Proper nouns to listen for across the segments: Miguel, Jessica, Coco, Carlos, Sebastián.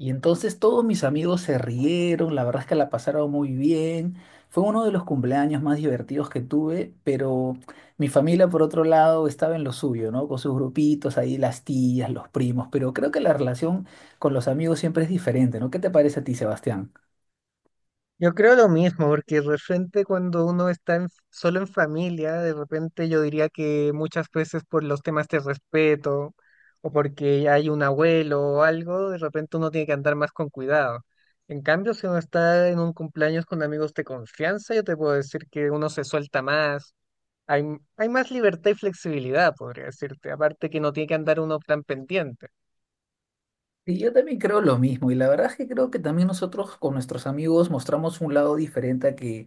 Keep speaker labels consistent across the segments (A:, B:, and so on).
A: Y entonces todos mis amigos se rieron, la verdad es que la pasaron muy bien. Fue uno de los cumpleaños más divertidos que tuve, pero mi familia, por otro lado, estaba en lo suyo, ¿no? Con sus grupitos ahí, las tías, los primos, pero creo que la relación con los amigos siempre es diferente, ¿no? ¿Qué te parece a ti, Sebastián?
B: Yo creo lo mismo, porque de repente cuando uno solo en familia, de repente yo diría que muchas veces por los temas de respeto o porque hay un abuelo o algo, de repente uno tiene que andar más con cuidado. En cambio, si uno está en un cumpleaños con amigos de confianza, yo te puedo decir que uno se suelta más, hay más libertad y flexibilidad, podría decirte, aparte que no tiene que andar uno tan pendiente.
A: Y yo también creo lo mismo, y la verdad es que creo que también nosotros con nuestros amigos mostramos un lado diferente a que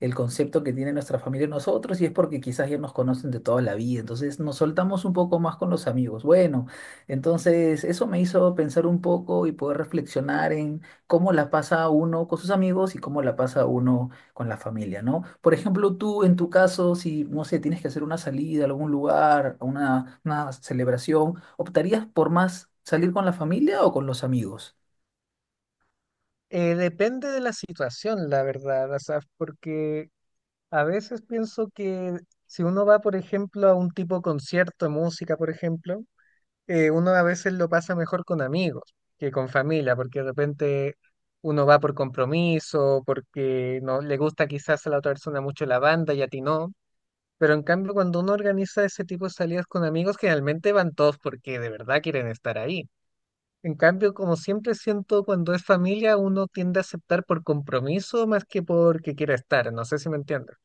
A: el concepto que tiene nuestra familia de nosotros, y es porque quizás ya nos conocen de toda la vida, entonces nos soltamos un poco más con los amigos. Bueno, entonces eso me hizo pensar un poco y poder reflexionar en cómo la pasa uno con sus amigos y cómo la pasa uno con la familia, ¿no? Por ejemplo, tú en tu caso, si, no sé, tienes que hacer una salida a algún lugar, a una celebración, ¿optarías por más salir con la familia o con los amigos?
B: Depende de la situación, la verdad, o sea, porque a veces pienso que si uno va, por ejemplo, a un tipo de concierto de música, por ejemplo, uno a veces lo pasa mejor con amigos que con familia, porque de repente uno va por compromiso, porque no le gusta quizás a la otra persona mucho la banda y a ti no. Pero en cambio, cuando uno organiza ese tipo de salidas con amigos, generalmente van todos porque de verdad quieren estar ahí. En cambio, como siempre siento, cuando es familia, uno tiende a aceptar por compromiso más que porque quiera estar. No sé si me entiendes.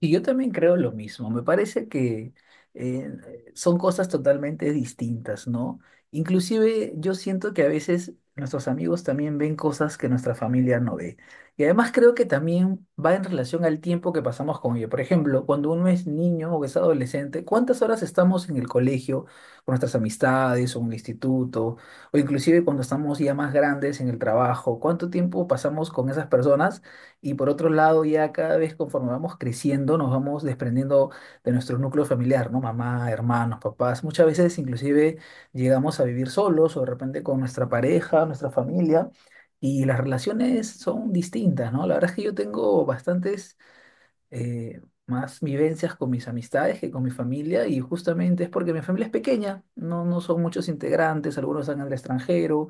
A: Y yo también creo lo mismo. Me parece que eh, son cosas totalmente distintas, ¿no? Inclusive yo siento que a veces nuestros amigos también ven cosas que nuestra familia no ve. Y además creo que también va en relación al tiempo que pasamos con ellos. Por ejemplo, cuando uno es niño o es adolescente, ¿cuántas horas estamos en el colegio con nuestras amistades o en el instituto? O inclusive cuando estamos ya más grandes en el trabajo, ¿cuánto tiempo pasamos con esas personas? Y por otro lado, ya cada vez conforme vamos creciendo, nos vamos desprendiendo de nuestro núcleo familiar, ¿no? Mamá, hermanos, papás. Muchas veces inclusive llegamos a vivir solos o de repente con nuestra pareja, nuestra familia, y las relaciones son distintas, ¿no? La verdad es que yo tengo bastantes eh, más vivencias con mis amistades que con mi familia, y justamente es porque mi familia es pequeña, no, no son muchos integrantes, algunos están en el extranjero,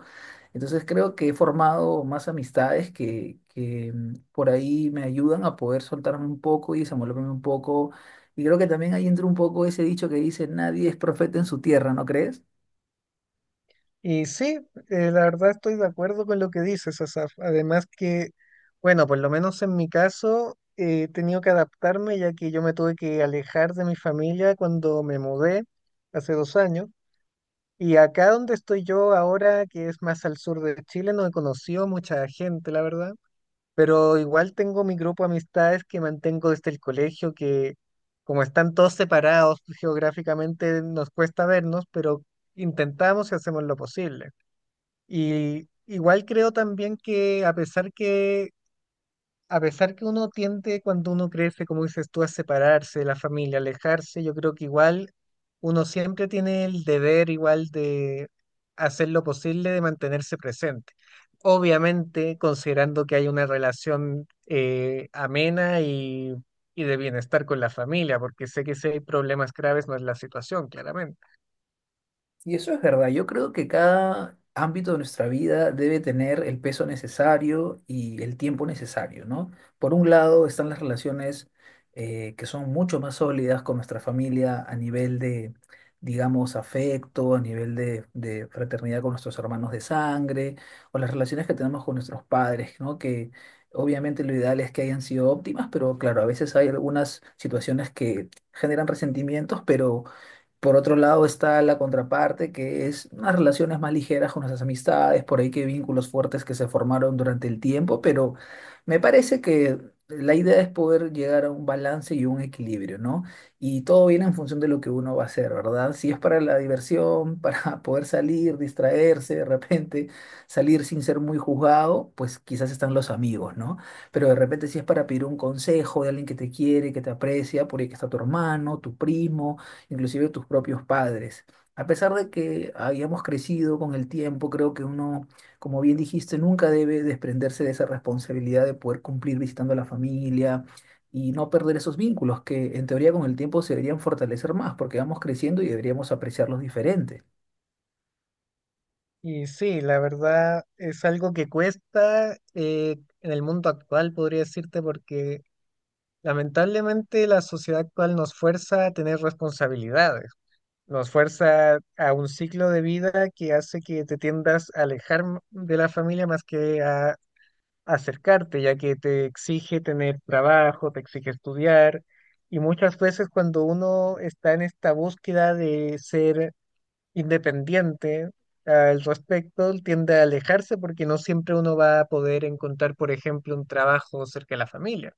A: entonces creo que he formado más amistades que por ahí me ayudan a poder soltarme un poco y desenvolverme un poco. Y creo que también ahí entra un poco ese dicho que dice, nadie es profeta en su tierra, ¿no crees?
B: Y sí, la verdad estoy de acuerdo con lo que dices, Asaf. Además que, bueno, por lo menos en mi caso, he tenido que adaptarme ya que yo me tuve que alejar de mi familia cuando me mudé hace 2 años. Y acá donde estoy yo ahora, que es más al sur de Chile, no he conocido mucha gente, la verdad. Pero igual tengo mi grupo de amistades que mantengo desde el colegio, que como están todos separados geográficamente, nos cuesta vernos, pero intentamos y hacemos lo posible. Y igual creo también que a pesar que uno tiende cuando uno crece, como dices tú, a separarse de la familia, alejarse, yo creo que igual uno siempre tiene el deber igual de hacer lo posible de mantenerse presente. Obviamente, considerando que hay una relación amena y de bienestar con la familia, porque sé que si hay problemas graves no es la situación, claramente.
A: Y eso es verdad. Yo creo que cada ámbito de nuestra vida debe tener el peso necesario y el tiempo necesario, ¿no? Por un lado están las relaciones que son mucho más sólidas con nuestra familia a nivel de, digamos, afecto, a nivel de fraternidad con nuestros hermanos de sangre, o las relaciones que tenemos con nuestros padres, ¿no? Que obviamente lo ideal es que hayan sido óptimas, pero claro, a veces hay algunas situaciones que generan resentimientos, pero... Por otro lado está la contraparte, que es unas relaciones más ligeras con nuestras amistades, por ahí que vínculos fuertes que se formaron durante el tiempo, pero me parece que la idea es poder llegar a un balance y un equilibrio, ¿no? Y todo viene en función de lo que uno va a hacer, ¿verdad? Si es para la diversión, para poder salir, distraerse de repente, salir sin ser muy juzgado, pues quizás están los amigos, ¿no? Pero de repente si es para pedir un consejo de alguien que te quiere, que te aprecia, por ahí que está tu hermano, tu primo inclusive tus propios padres. A pesar de que hayamos crecido con el tiempo, creo que uno, como bien dijiste, nunca debe desprenderse de esa responsabilidad de poder cumplir visitando a la familia y no perder esos vínculos que en teoría con el tiempo se deberían fortalecer más porque vamos creciendo y deberíamos apreciarlos diferente.
B: Y sí, la verdad es algo que cuesta en el mundo actual, podría decirte, porque lamentablemente la sociedad actual nos fuerza a tener responsabilidades, nos fuerza a un ciclo de vida que hace que te tiendas a de la familia más que a acercarte, ya que te exige tener trabajo, te exige estudiar, y muchas veces cuando uno está en esta búsqueda de ser independiente al respecto, tiende a alejarse porque no siempre uno va a poder encontrar, por ejemplo, un trabajo cerca de la familia.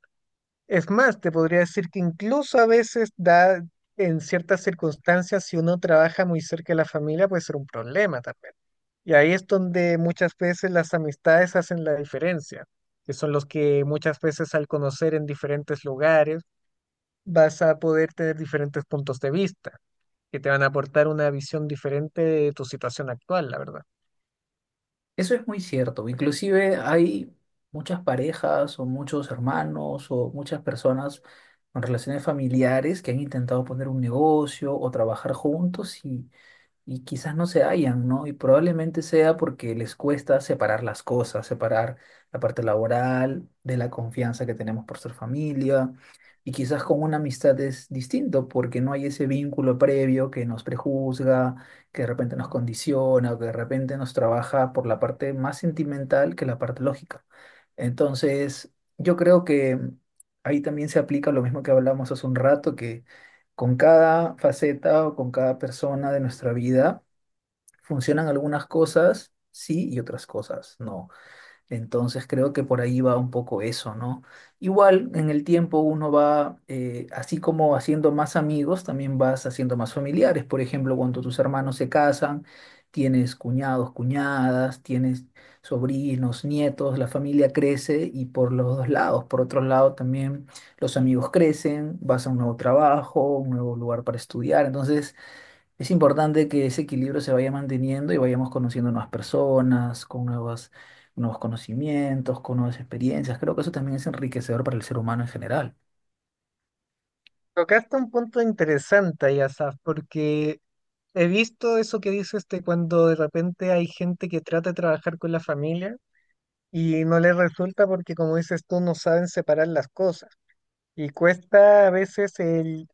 B: Es más, te podría decir que incluso a veces da, en ciertas circunstancias, si uno trabaja muy cerca de la familia, puede ser un problema también. Y ahí es donde muchas veces las amistades hacen la diferencia, que son los que muchas veces al conocer en diferentes lugares vas a poder tener diferentes puntos de vista que te van a aportar una visión diferente de tu situación actual, la verdad.
A: Eso es muy cierto. Inclusive hay muchas parejas o muchos hermanos o muchas personas con relaciones familiares que han intentado poner un negocio o trabajar juntos y quizás no se hallan, ¿no? Y probablemente sea porque les cuesta separar las cosas, separar la parte laboral de la confianza que tenemos por ser familia. Y quizás con una amistad es distinto porque no hay ese vínculo previo que nos prejuzga, que de repente nos condiciona o que de repente nos trabaja por la parte más sentimental que la parte lógica. Entonces, yo creo que ahí también se aplica lo mismo que hablamos hace un rato, que con cada faceta o con cada persona de nuestra vida funcionan algunas cosas sí y otras cosas no. Entonces creo que por ahí va un poco eso, ¿no? Igual en el tiempo uno va, así como haciendo más amigos, también vas haciendo más familiares. Por ejemplo, cuando tus hermanos se casan, tienes cuñados, cuñadas, tienes sobrinos, nietos, la familia crece y por los dos lados. Por otro lado, también los amigos crecen, vas a un nuevo trabajo, un nuevo lugar para estudiar. Entonces... Es importante que ese equilibrio se vaya manteniendo y vayamos conociendo nuevas personas, nuevos conocimientos, con nuevas experiencias. Creo que eso también es enriquecedor para el ser humano en general.
B: Tocaste un punto interesante ahí, Asaf, porque he visto eso que dices de cuando de repente hay gente que trata de trabajar con la familia y no les resulta porque, como dices tú, no saben separar las cosas. Y cuesta a veces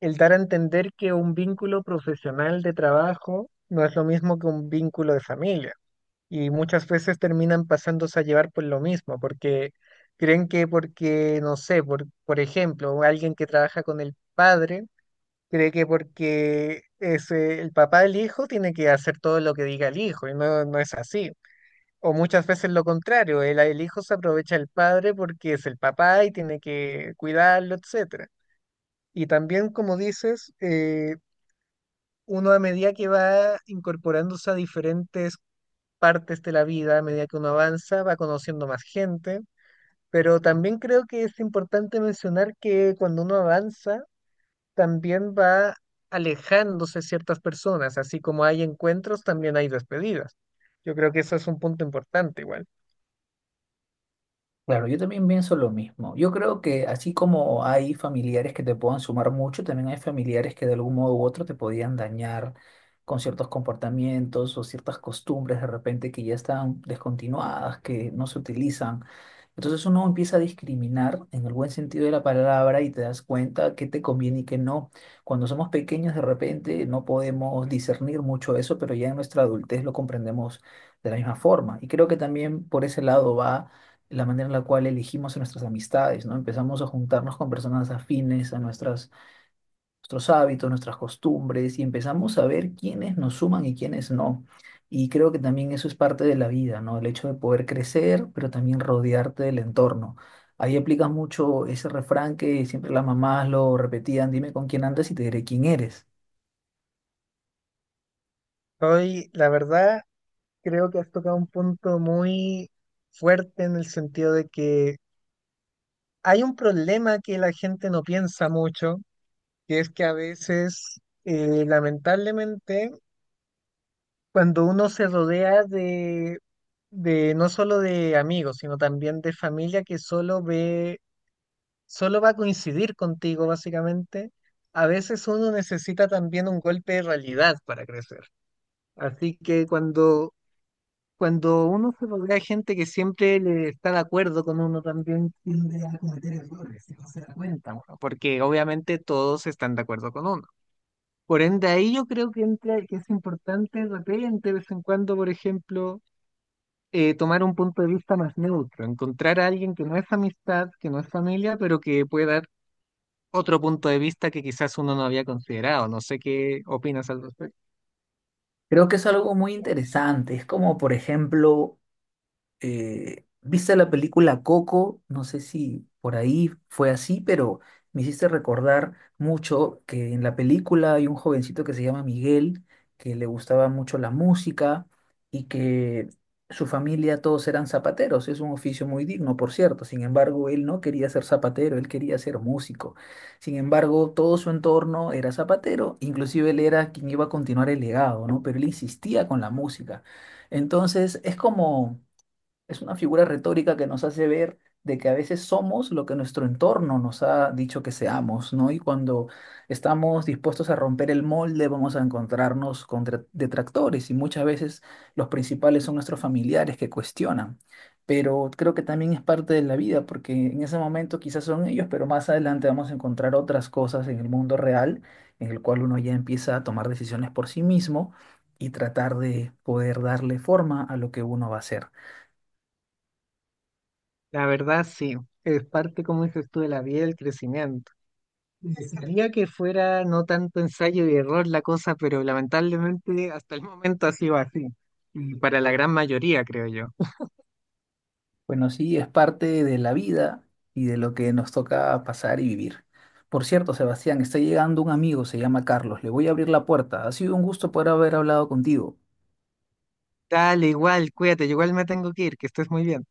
B: el dar a entender que un vínculo profesional de trabajo no es lo mismo que un vínculo de familia. Y muchas veces terminan pasándose a llevar por lo mismo, porque creen que porque, no sé, por ejemplo, alguien que trabaja con el padre, cree que porque es el papá del hijo tiene que hacer todo lo que diga el hijo, y no, no es así. O muchas veces lo contrario, el hijo se aprovecha del padre porque es el papá y tiene que cuidarlo, etcétera. Y también, como dices, uno a medida que va incorporándose a diferentes partes de la vida a medida que uno avanza, va conociendo más gente, pero también creo que es importante mencionar que cuando uno avanza, también va alejándose ciertas personas, así como hay encuentros, también hay despedidas. Yo creo que eso es un punto importante igual.
A: Claro, yo también pienso lo mismo. Yo creo que así como hay familiares que te puedan sumar mucho, también hay familiares que de algún modo u otro te podían dañar con ciertos comportamientos o ciertas costumbres de repente que ya están descontinuadas, que no se utilizan. Entonces uno empieza a discriminar en el buen sentido de la palabra y te das cuenta qué te conviene y qué no. Cuando somos pequeños de repente no podemos discernir mucho eso, pero ya en nuestra adultez lo comprendemos de la misma forma. Y creo que también por ese lado va la manera en la cual elegimos a nuestras amistades, ¿no? Empezamos a juntarnos con personas afines a nuestros hábitos, nuestras costumbres y empezamos a ver quiénes nos suman y quiénes no. Y creo que también eso es parte de la vida, ¿no? El hecho de poder crecer, pero también rodearte del entorno. Ahí aplica mucho ese refrán que siempre las mamás lo repetían, dime con quién andas y te diré quién eres.
B: Hoy, la verdad, creo que has tocado un punto muy fuerte en el sentido de que hay un problema que la gente no piensa mucho, que es que a veces, lamentablemente, cuando uno se rodea de no solo de amigos, sino también de familia que solo ve, solo va a coincidir contigo, básicamente, a veces uno necesita también un golpe de realidad para crecer. Así que cuando uno se rodea de gente que siempre le está de acuerdo con uno, también tiende a cometer errores y no se da cuenta, bueno, porque obviamente todos están de acuerdo con uno. Por ende, ahí yo creo que entra, que es importante de repente, de vez en cuando, por ejemplo, tomar un punto de vista más neutro, encontrar a alguien que no es amistad, que no es familia, pero que puede dar otro punto de vista que quizás uno no había considerado. No sé qué opinas al respecto.
A: Creo que es algo muy interesante. Es como, por ejemplo, ¿viste la película Coco? No sé si por ahí fue así, pero me hiciste recordar mucho que en la película hay un jovencito que se llama Miguel, que le gustaba mucho la música y que su familia todos eran zapateros. Es un oficio muy digno, por cierto. Sin embargo, él no quería ser zapatero, él quería ser músico. Sin embargo, todo su entorno era zapatero, inclusive él era quien iba a continuar el legado, ¿no? Pero él insistía con la música. Entonces, es como... Es una figura retórica que nos hace ver de que a veces somos lo que nuestro entorno nos ha dicho que seamos, ¿no? Y cuando estamos dispuestos a romper el molde, vamos a encontrarnos con detractores y muchas veces los principales son nuestros familiares que cuestionan. Pero creo que también es parte de la vida, porque en ese momento quizás son ellos, pero más adelante vamos a encontrar otras cosas en el mundo real, en el cual uno ya empieza a tomar decisiones por sí mismo y tratar de poder darle forma a lo que uno va a hacer.
B: La verdad, sí, es parte, como dices tú, de la vida y del crecimiento. Desearía que fuera no tanto ensayo y error la cosa, pero lamentablemente hasta el momento ha sido así, y para la gran mayoría, creo yo.
A: Bueno, sí, es parte de la vida y de lo que nos toca pasar y vivir. Por cierto, Sebastián, está llegando un amigo, se llama Carlos. Le voy a abrir la puerta. Ha sido un gusto poder haber hablado contigo.
B: Dale, igual, cuídate, yo igual me tengo que ir, que estés muy bien.